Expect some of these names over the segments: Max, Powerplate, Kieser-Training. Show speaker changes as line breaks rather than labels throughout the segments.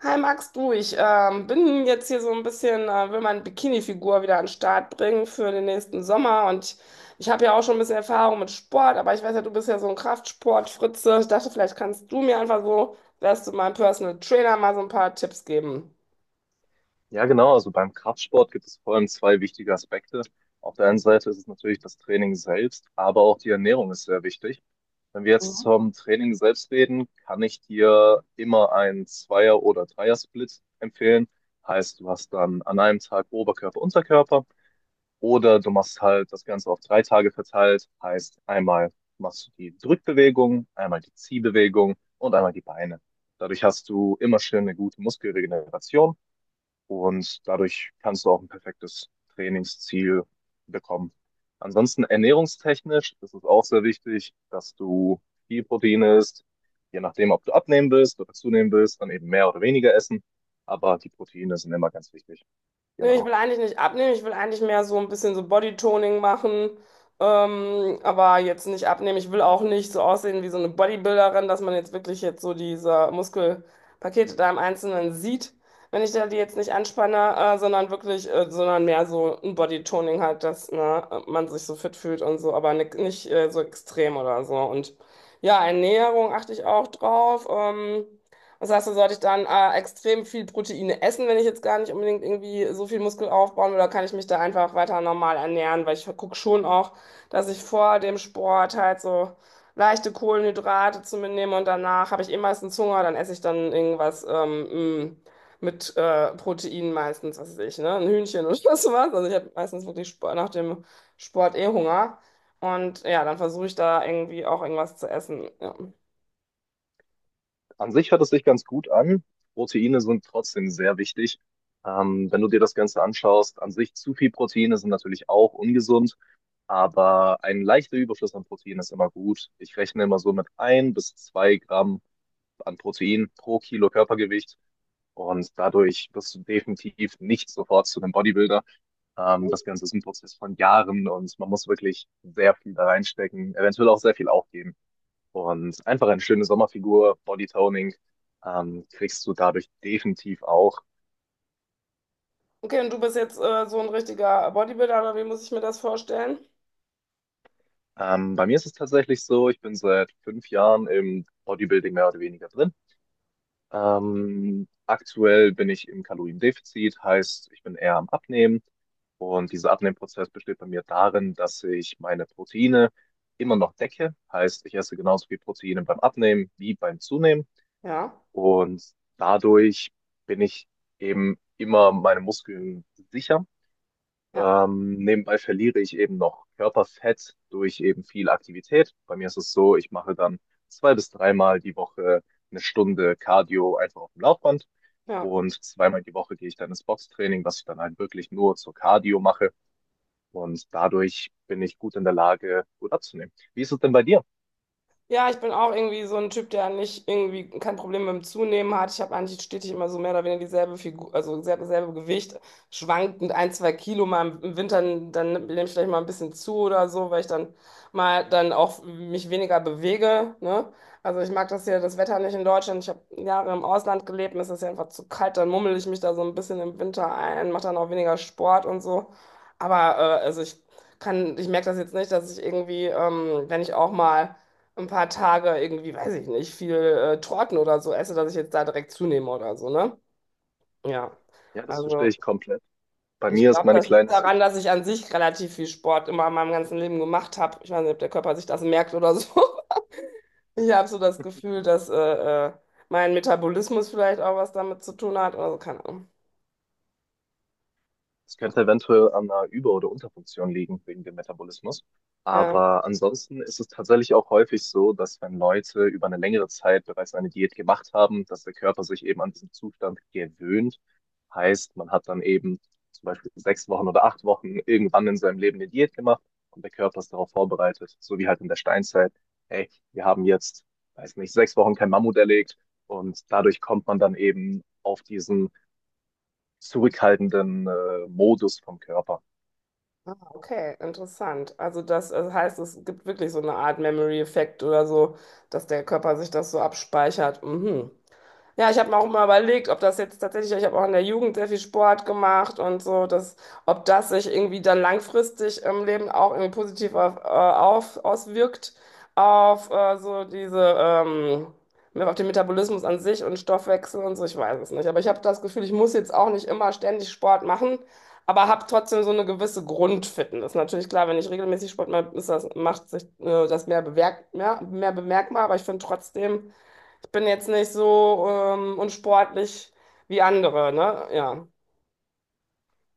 Hi Max, du, ich bin jetzt hier so ein bisschen, will meine Bikini-Figur wieder an den Start bringen für den nächsten Sommer und ich habe ja auch schon ein bisschen Erfahrung mit Sport, aber ich weiß ja, du bist ja so ein Kraftsport-Fritze. Ich dachte, vielleicht kannst du mir einfach so, wärst du mein Personal Trainer, mal so ein paar Tipps geben.
Ja, genau. Also beim Kraftsport gibt es vor allem zwei wichtige Aspekte. Auf der einen Seite ist es natürlich das Training selbst, aber auch die Ernährung ist sehr wichtig. Wenn wir jetzt zum Training selbst reden, kann ich dir immer einen Zweier- oder Dreier-Split empfehlen. Heißt, du hast dann an einem Tag Oberkörper, Unterkörper oder du machst halt das Ganze auf drei Tage verteilt. Heißt, einmal machst du die Drückbewegung, einmal die Ziehbewegung und einmal die Beine. Dadurch hast du immer schön eine gute Muskelregeneration. Und dadurch kannst du auch ein perfektes Trainingsziel bekommen. Ansonsten ernährungstechnisch ist es auch sehr wichtig, dass du viel Protein isst. Je nachdem, ob du abnehmen willst oder zunehmen willst, dann eben mehr oder weniger essen. Aber die Proteine sind immer ganz wichtig.
Nee, ich
Genau.
will eigentlich nicht abnehmen, ich will eigentlich mehr so ein bisschen so Bodytoning machen, aber jetzt nicht abnehmen. Ich will auch nicht so aussehen wie so eine Bodybuilderin, dass man jetzt wirklich jetzt so diese Muskelpakete da im Einzelnen sieht, wenn ich da die jetzt nicht anspanne, sondern wirklich, sondern mehr so ein Bodytoning halt, dass ne, man sich so fit fühlt und so, aber nicht so extrem oder so. Und ja, Ernährung achte ich auch drauf. Das heißt, da sollte ich dann extrem viel Proteine essen, wenn ich jetzt gar nicht unbedingt irgendwie so viel Muskel aufbauen will, oder kann ich mich da einfach weiter normal ernähren? Weil ich gucke schon auch, dass ich vor dem Sport halt so leichte Kohlenhydrate zu mir nehme und danach habe ich eh meistens Hunger, dann esse ich dann irgendwas mit Protein meistens, was weiß ich, ne? Ein Hühnchen oder sowas. Also ich habe meistens wirklich Sport, nach dem Sport eh Hunger. Und ja, dann versuche ich da irgendwie auch irgendwas zu essen. Ja.
An sich hört es sich ganz gut an. Proteine sind trotzdem sehr wichtig. Wenn du dir das Ganze anschaust, an sich zu viel Proteine sind natürlich auch ungesund. Aber ein leichter Überschuss an Protein ist immer gut. Ich rechne immer so mit 1 bis 2 Gramm an Protein pro Kilo Körpergewicht. Und dadurch wirst du definitiv nicht sofort zu einem Bodybuilder. Das Ganze ist ein Prozess von Jahren und man muss wirklich sehr viel da reinstecken, eventuell auch sehr viel aufgeben. Und einfach eine schöne Sommerfigur, Bodytoning, kriegst du dadurch definitiv auch.
Okay, und du bist jetzt so ein richtiger Bodybuilder, oder wie muss ich mir das vorstellen?
Bei mir ist es tatsächlich so, ich bin seit 5 Jahren im Bodybuilding mehr oder weniger drin. Aktuell bin ich im Kaloriendefizit, heißt, ich bin eher am Abnehmen. Und dieser Abnehmprozess besteht bei mir darin, dass ich meine Proteine immer noch decke. Heißt, ich esse genauso viel Proteine beim Abnehmen wie beim Zunehmen.
Ja,
Und dadurch bin ich eben immer meine Muskeln sicher.
ja,
Nebenbei verliere ich eben noch Körperfett durch eben viel Aktivität. Bei mir ist es so, ich mache dann zwei bis dreimal die Woche eine Stunde Cardio einfach auf dem Laufband.
ja.
Und zweimal die Woche gehe ich dann ins Boxtraining, was ich dann halt wirklich nur zur Cardio mache. Und dadurch bin ich gut in der Lage, gut abzunehmen. Wie ist es denn bei dir?
Ja, ich bin auch irgendwie so ein Typ, der nicht irgendwie kein Problem mit dem Zunehmen hat. Ich habe eigentlich stetig immer so mehr oder weniger dieselbe Figur, also dieselbe Gewicht, schwankend ein, zwei Kilo mal im Winter, dann nehme ich vielleicht mal ein bisschen zu oder so, weil ich dann auch mich weniger bewege, ne? Also ich mag das hier, das Wetter nicht in Deutschland. Ich habe Jahre im Ausland gelebt, mir ist das ja einfach zu kalt, dann mummel ich mich da so ein bisschen im Winter ein, mache dann auch weniger Sport und so. Aber also ich merke das jetzt nicht, dass ich irgendwie, wenn ich auch mal ein paar Tage irgendwie, weiß ich nicht, viel Torten oder so esse, dass ich jetzt da direkt zunehme oder so, ne? Ja.
Ja, das verstehe
Also,
ich komplett. Bei
ich
mir ist
glaube,
meine
das liegt
kleine.
daran, dass ich an sich relativ viel Sport immer in meinem ganzen Leben gemacht habe. Ich weiß nicht, ob der Körper sich das merkt oder so. Ich habe so das Gefühl, dass äh, mein Metabolismus vielleicht auch was damit zu tun hat oder so, keine Ahnung.
Es könnte eventuell an einer Über- oder Unterfunktion liegen wegen dem Metabolismus.
Ja.
Aber ansonsten ist es tatsächlich auch häufig so, dass wenn Leute über eine längere Zeit bereits eine Diät gemacht haben, dass der Körper sich eben an diesen Zustand gewöhnt. Heißt, man hat dann eben zum Beispiel 6 Wochen oder 8 Wochen irgendwann in seinem Leben eine Diät gemacht und der Körper ist darauf vorbereitet, so wie halt in der Steinzeit. Hey, wir haben jetzt, weiß nicht, 6 Wochen kein Mammut erlegt und dadurch kommt man dann eben auf diesen zurückhaltenden Modus vom Körper.
Ah, okay, interessant. Also das heißt, es gibt wirklich so eine Art Memory-Effekt oder so, dass der Körper sich das so abspeichert. Mhm. Ja, ich habe mir auch mal überlegt, ob das jetzt tatsächlich, ich habe auch in der Jugend sehr viel Sport gemacht und so, dass, ob das sich irgendwie dann langfristig im Leben auch irgendwie positiv auswirkt auf so diese, auf den Metabolismus an sich und Stoffwechsel und so, ich weiß es nicht. Aber ich habe das Gefühl, ich muss jetzt auch nicht immer ständig Sport machen, aber habe trotzdem so eine gewisse Grundfitness. Natürlich klar, wenn ich regelmäßig Sport mache, ist das, macht sich das mehr bemerkbar, aber ich finde trotzdem, ich bin jetzt nicht so unsportlich wie andere, ne? Ja.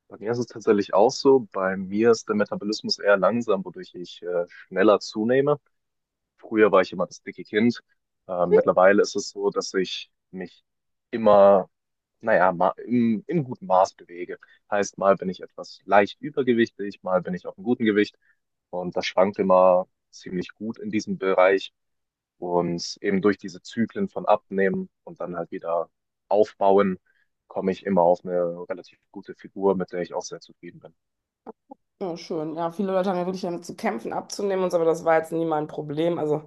Bei mir ist es tatsächlich auch so. Bei mir ist der Metabolismus eher langsam, wodurch ich schneller zunehme. Früher war ich immer das dicke Kind. Mittlerweile ist es so, dass ich mich immer, naja, im guten Maß bewege. Heißt, mal bin ich etwas leicht übergewichtig, mal bin ich auf einem guten Gewicht. Und das schwankt immer ziemlich gut in diesem Bereich. Und eben durch diese Zyklen von Abnehmen und dann halt wieder Aufbauen komme ich immer auf eine relativ gute Figur, mit der ich auch sehr zufrieden bin.
Ja, schön. Ja, viele Leute haben ja wirklich damit zu kämpfen, abzunehmen und so, aber das war jetzt nie mein Problem. Also,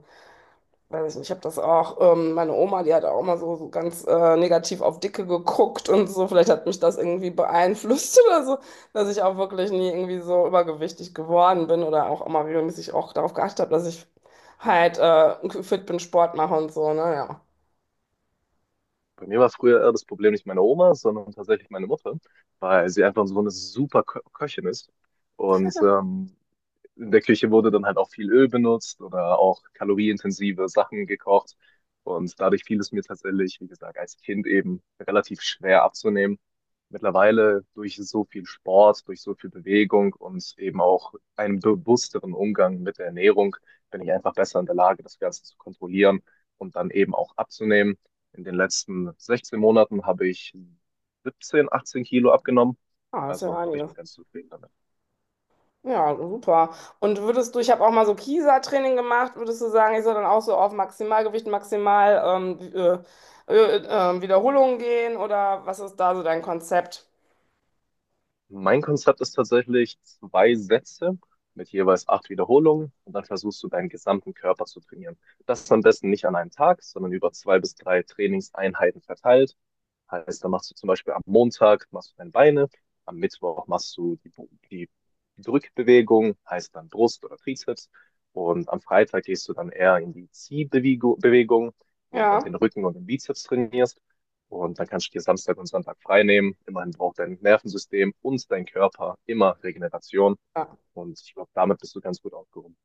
weiß ich nicht, ich habe das auch, meine Oma, die hat auch immer so, so ganz negativ auf Dicke geguckt und so. Vielleicht hat mich das irgendwie beeinflusst oder so, dass ich auch wirklich nie irgendwie so übergewichtig geworden bin oder auch immer regelmäßig auch darauf geachtet habe, dass ich halt fit bin, Sport mache und so, ne? Ja.
Bei mir war es früher eher das Problem nicht meine Oma, sondern tatsächlich meine Mutter, weil sie einfach so eine super Kö Köchin ist. Und in der Küche wurde dann halt auch viel Öl benutzt oder auch kalorienintensive Sachen gekocht. Und dadurch fiel es mir tatsächlich, wie gesagt, als Kind eben relativ schwer abzunehmen. Mittlerweile durch so viel Sport, durch so viel Bewegung und eben auch einen bewussteren Umgang mit der Ernährung bin ich einfach besser in der Lage, das Ganze zu kontrollieren und dann eben auch abzunehmen. In den letzten 16 Monaten habe ich 17, 18 Kilo abgenommen.
Ah, ist ja
Also ich bin
einiges.
ganz zufrieden damit.
Ja, super. Und würdest du, ich habe auch mal so Kieser-Training gemacht, würdest du sagen, ich soll dann auch so auf Maximalgewicht, maximal ähm, äh, äh, Wiederholungen gehen oder was ist da so dein Konzept?
Mein Konzept ist tatsächlich zwei Sätze mit jeweils acht Wiederholungen und dann versuchst du deinen gesamten Körper zu trainieren. Das am besten nicht an einem Tag, sondern über zwei bis drei Trainingseinheiten verteilt. Heißt, da machst du zum Beispiel am Montag machst du deine Beine, am Mittwoch machst du die Drückbewegung, heißt dann Brust oder Trizeps. Und am Freitag gehst du dann eher in die Ziehbewegung Bewegung, wo du dann
Ja.
den Rücken und den Bizeps trainierst. Und dann kannst du dir Samstag und Sonntag frei nehmen. Immerhin braucht dein Nervensystem und dein Körper immer Regeneration.
Ja.
Und ich glaube, damit bist du ganz gut aufgehoben.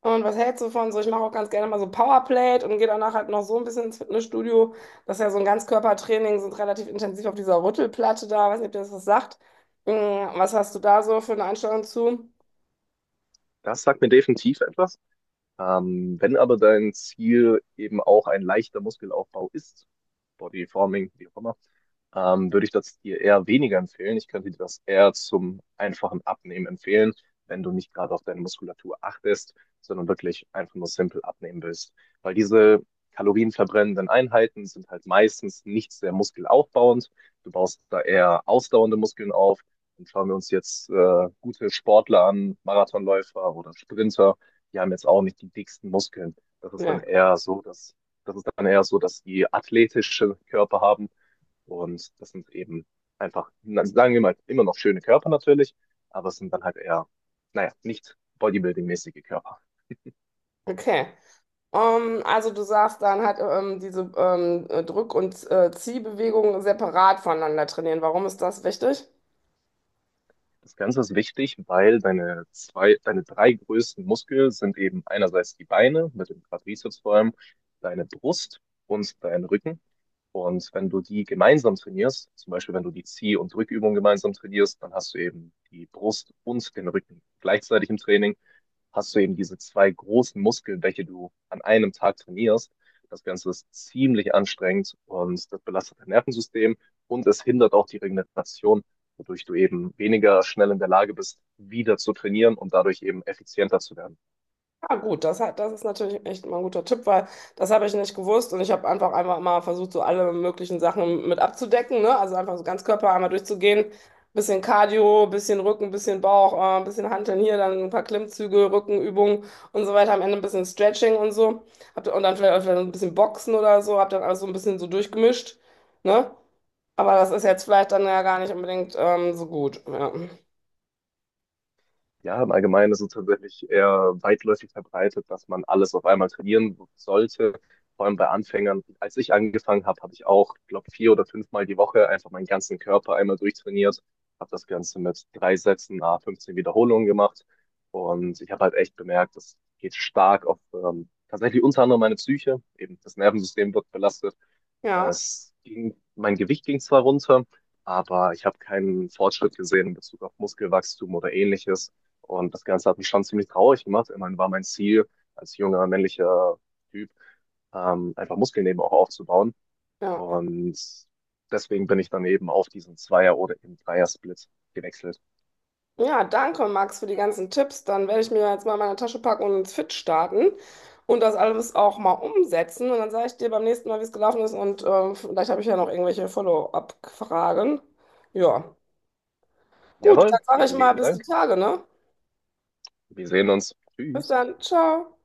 Und was hältst du von so? Ich mache auch ganz gerne mal so Powerplate und gehe danach halt noch so ein bisschen ins Fitnessstudio. Das ist ja so ein Ganzkörpertraining, sind relativ intensiv auf dieser Rüttelplatte da. Weiß nicht, ob dir das was sagt. Mm, Was hast du da so für eine Einstellung zu?
Das sagt mir definitiv etwas. Wenn aber dein Ziel eben auch ein leichter Muskelaufbau ist, Bodyforming, wie auch immer, würde ich das dir eher weniger empfehlen. Ich könnte dir das eher zum einfachen Abnehmen empfehlen, wenn du nicht gerade auf deine Muskulatur achtest, sondern wirklich einfach nur simpel abnehmen willst. Weil diese kalorienverbrennenden Einheiten sind halt meistens nicht sehr muskelaufbauend. Du baust da eher ausdauernde Muskeln auf. Und schauen wir uns jetzt gute Sportler an, Marathonläufer oder Sprinter, die haben jetzt auch nicht die dicksten Muskeln. Das ist dann
Nee.
eher so, dass, das ist dann eher so, dass die athletische Körper haben und das sind eben einfach, na, sagen wir mal, immer noch schöne Körper natürlich, aber es sind dann halt eher, naja, nicht bodybuilding-mäßige Körper.
Okay. Also du sagst dann halt diese Drück- und Ziehbewegungen separat voneinander trainieren. Warum ist das wichtig?
Das Ganze ist wichtig, weil deine zwei, deine drei größten Muskeln sind eben einerseits die Beine mit dem Quadrizeps vor allem, deine Brust und dein Rücken. Und wenn du die gemeinsam trainierst, zum Beispiel wenn du die Zieh- und Drückübung gemeinsam trainierst, dann hast du eben die Brust und den Rücken gleichzeitig im Training, hast du eben diese zwei großen Muskeln, welche du an einem Tag trainierst. Das Ganze ist ziemlich anstrengend und das belastet dein Nervensystem und es hindert auch die Regeneration, wodurch du eben weniger schnell in der Lage bist, wieder zu trainieren und dadurch eben effizienter zu werden.
Ah, gut, das ist natürlich echt mal ein guter Tipp, weil das habe ich nicht gewusst und ich habe einfach mal versucht, so alle möglichen Sachen mit abzudecken, ne? Also einfach so ganz Körper einmal durchzugehen. Bisschen Cardio, bisschen Rücken, bisschen Bauch, bisschen Hanteln hier, dann ein paar Klimmzüge, Rückenübungen und so weiter. Am Ende ein bisschen Stretching und so. Und dann vielleicht ein bisschen Boxen oder so. Habe dann alles so ein bisschen so durchgemischt, ne? Aber das ist jetzt vielleicht dann ja gar nicht unbedingt so gut. Ja.
Ja, im Allgemeinen ist es tatsächlich eher weitläufig verbreitet, dass man alles auf einmal trainieren sollte. Vor allem bei Anfängern. Als ich angefangen habe, habe ich auch, glaube vier oder fünfmal die Woche einfach meinen ganzen Körper einmal durchtrainiert. Habe das Ganze mit drei Sätzen, à 15 Wiederholungen gemacht. Und ich habe halt echt bemerkt, das geht stark auf tatsächlich unter anderem meine Psyche. Eben das Nervensystem wird belastet. Äh,
Ja,
Es ging, mein Gewicht ging zwar runter, aber ich habe keinen Fortschritt gesehen in Bezug auf Muskelwachstum oder ähnliches. Und das Ganze hat mich schon ziemlich traurig gemacht. Immerhin war mein Ziel als junger männlicher Typ, einfach Muskeln eben auch aufzubauen.
ja.
Und deswegen bin ich dann eben auf diesen Zweier- oder eben Dreier-Split gewechselt.
Ja, danke, Max, für die ganzen Tipps. Dann werde ich mir jetzt mal meine Tasche packen und ins Fit starten und das alles auch mal umsetzen. Und dann sage ich dir beim nächsten Mal, wie es gelaufen ist. Und vielleicht habe ich ja noch irgendwelche Follow-up-Fragen. Ja. Gut, dann
Jawohl,
sage ich
vielen
mal
lieben
bis die
Dank.
Tage, ne?
Wir sehen uns.
Bis
Tschüss.
dann. Ciao.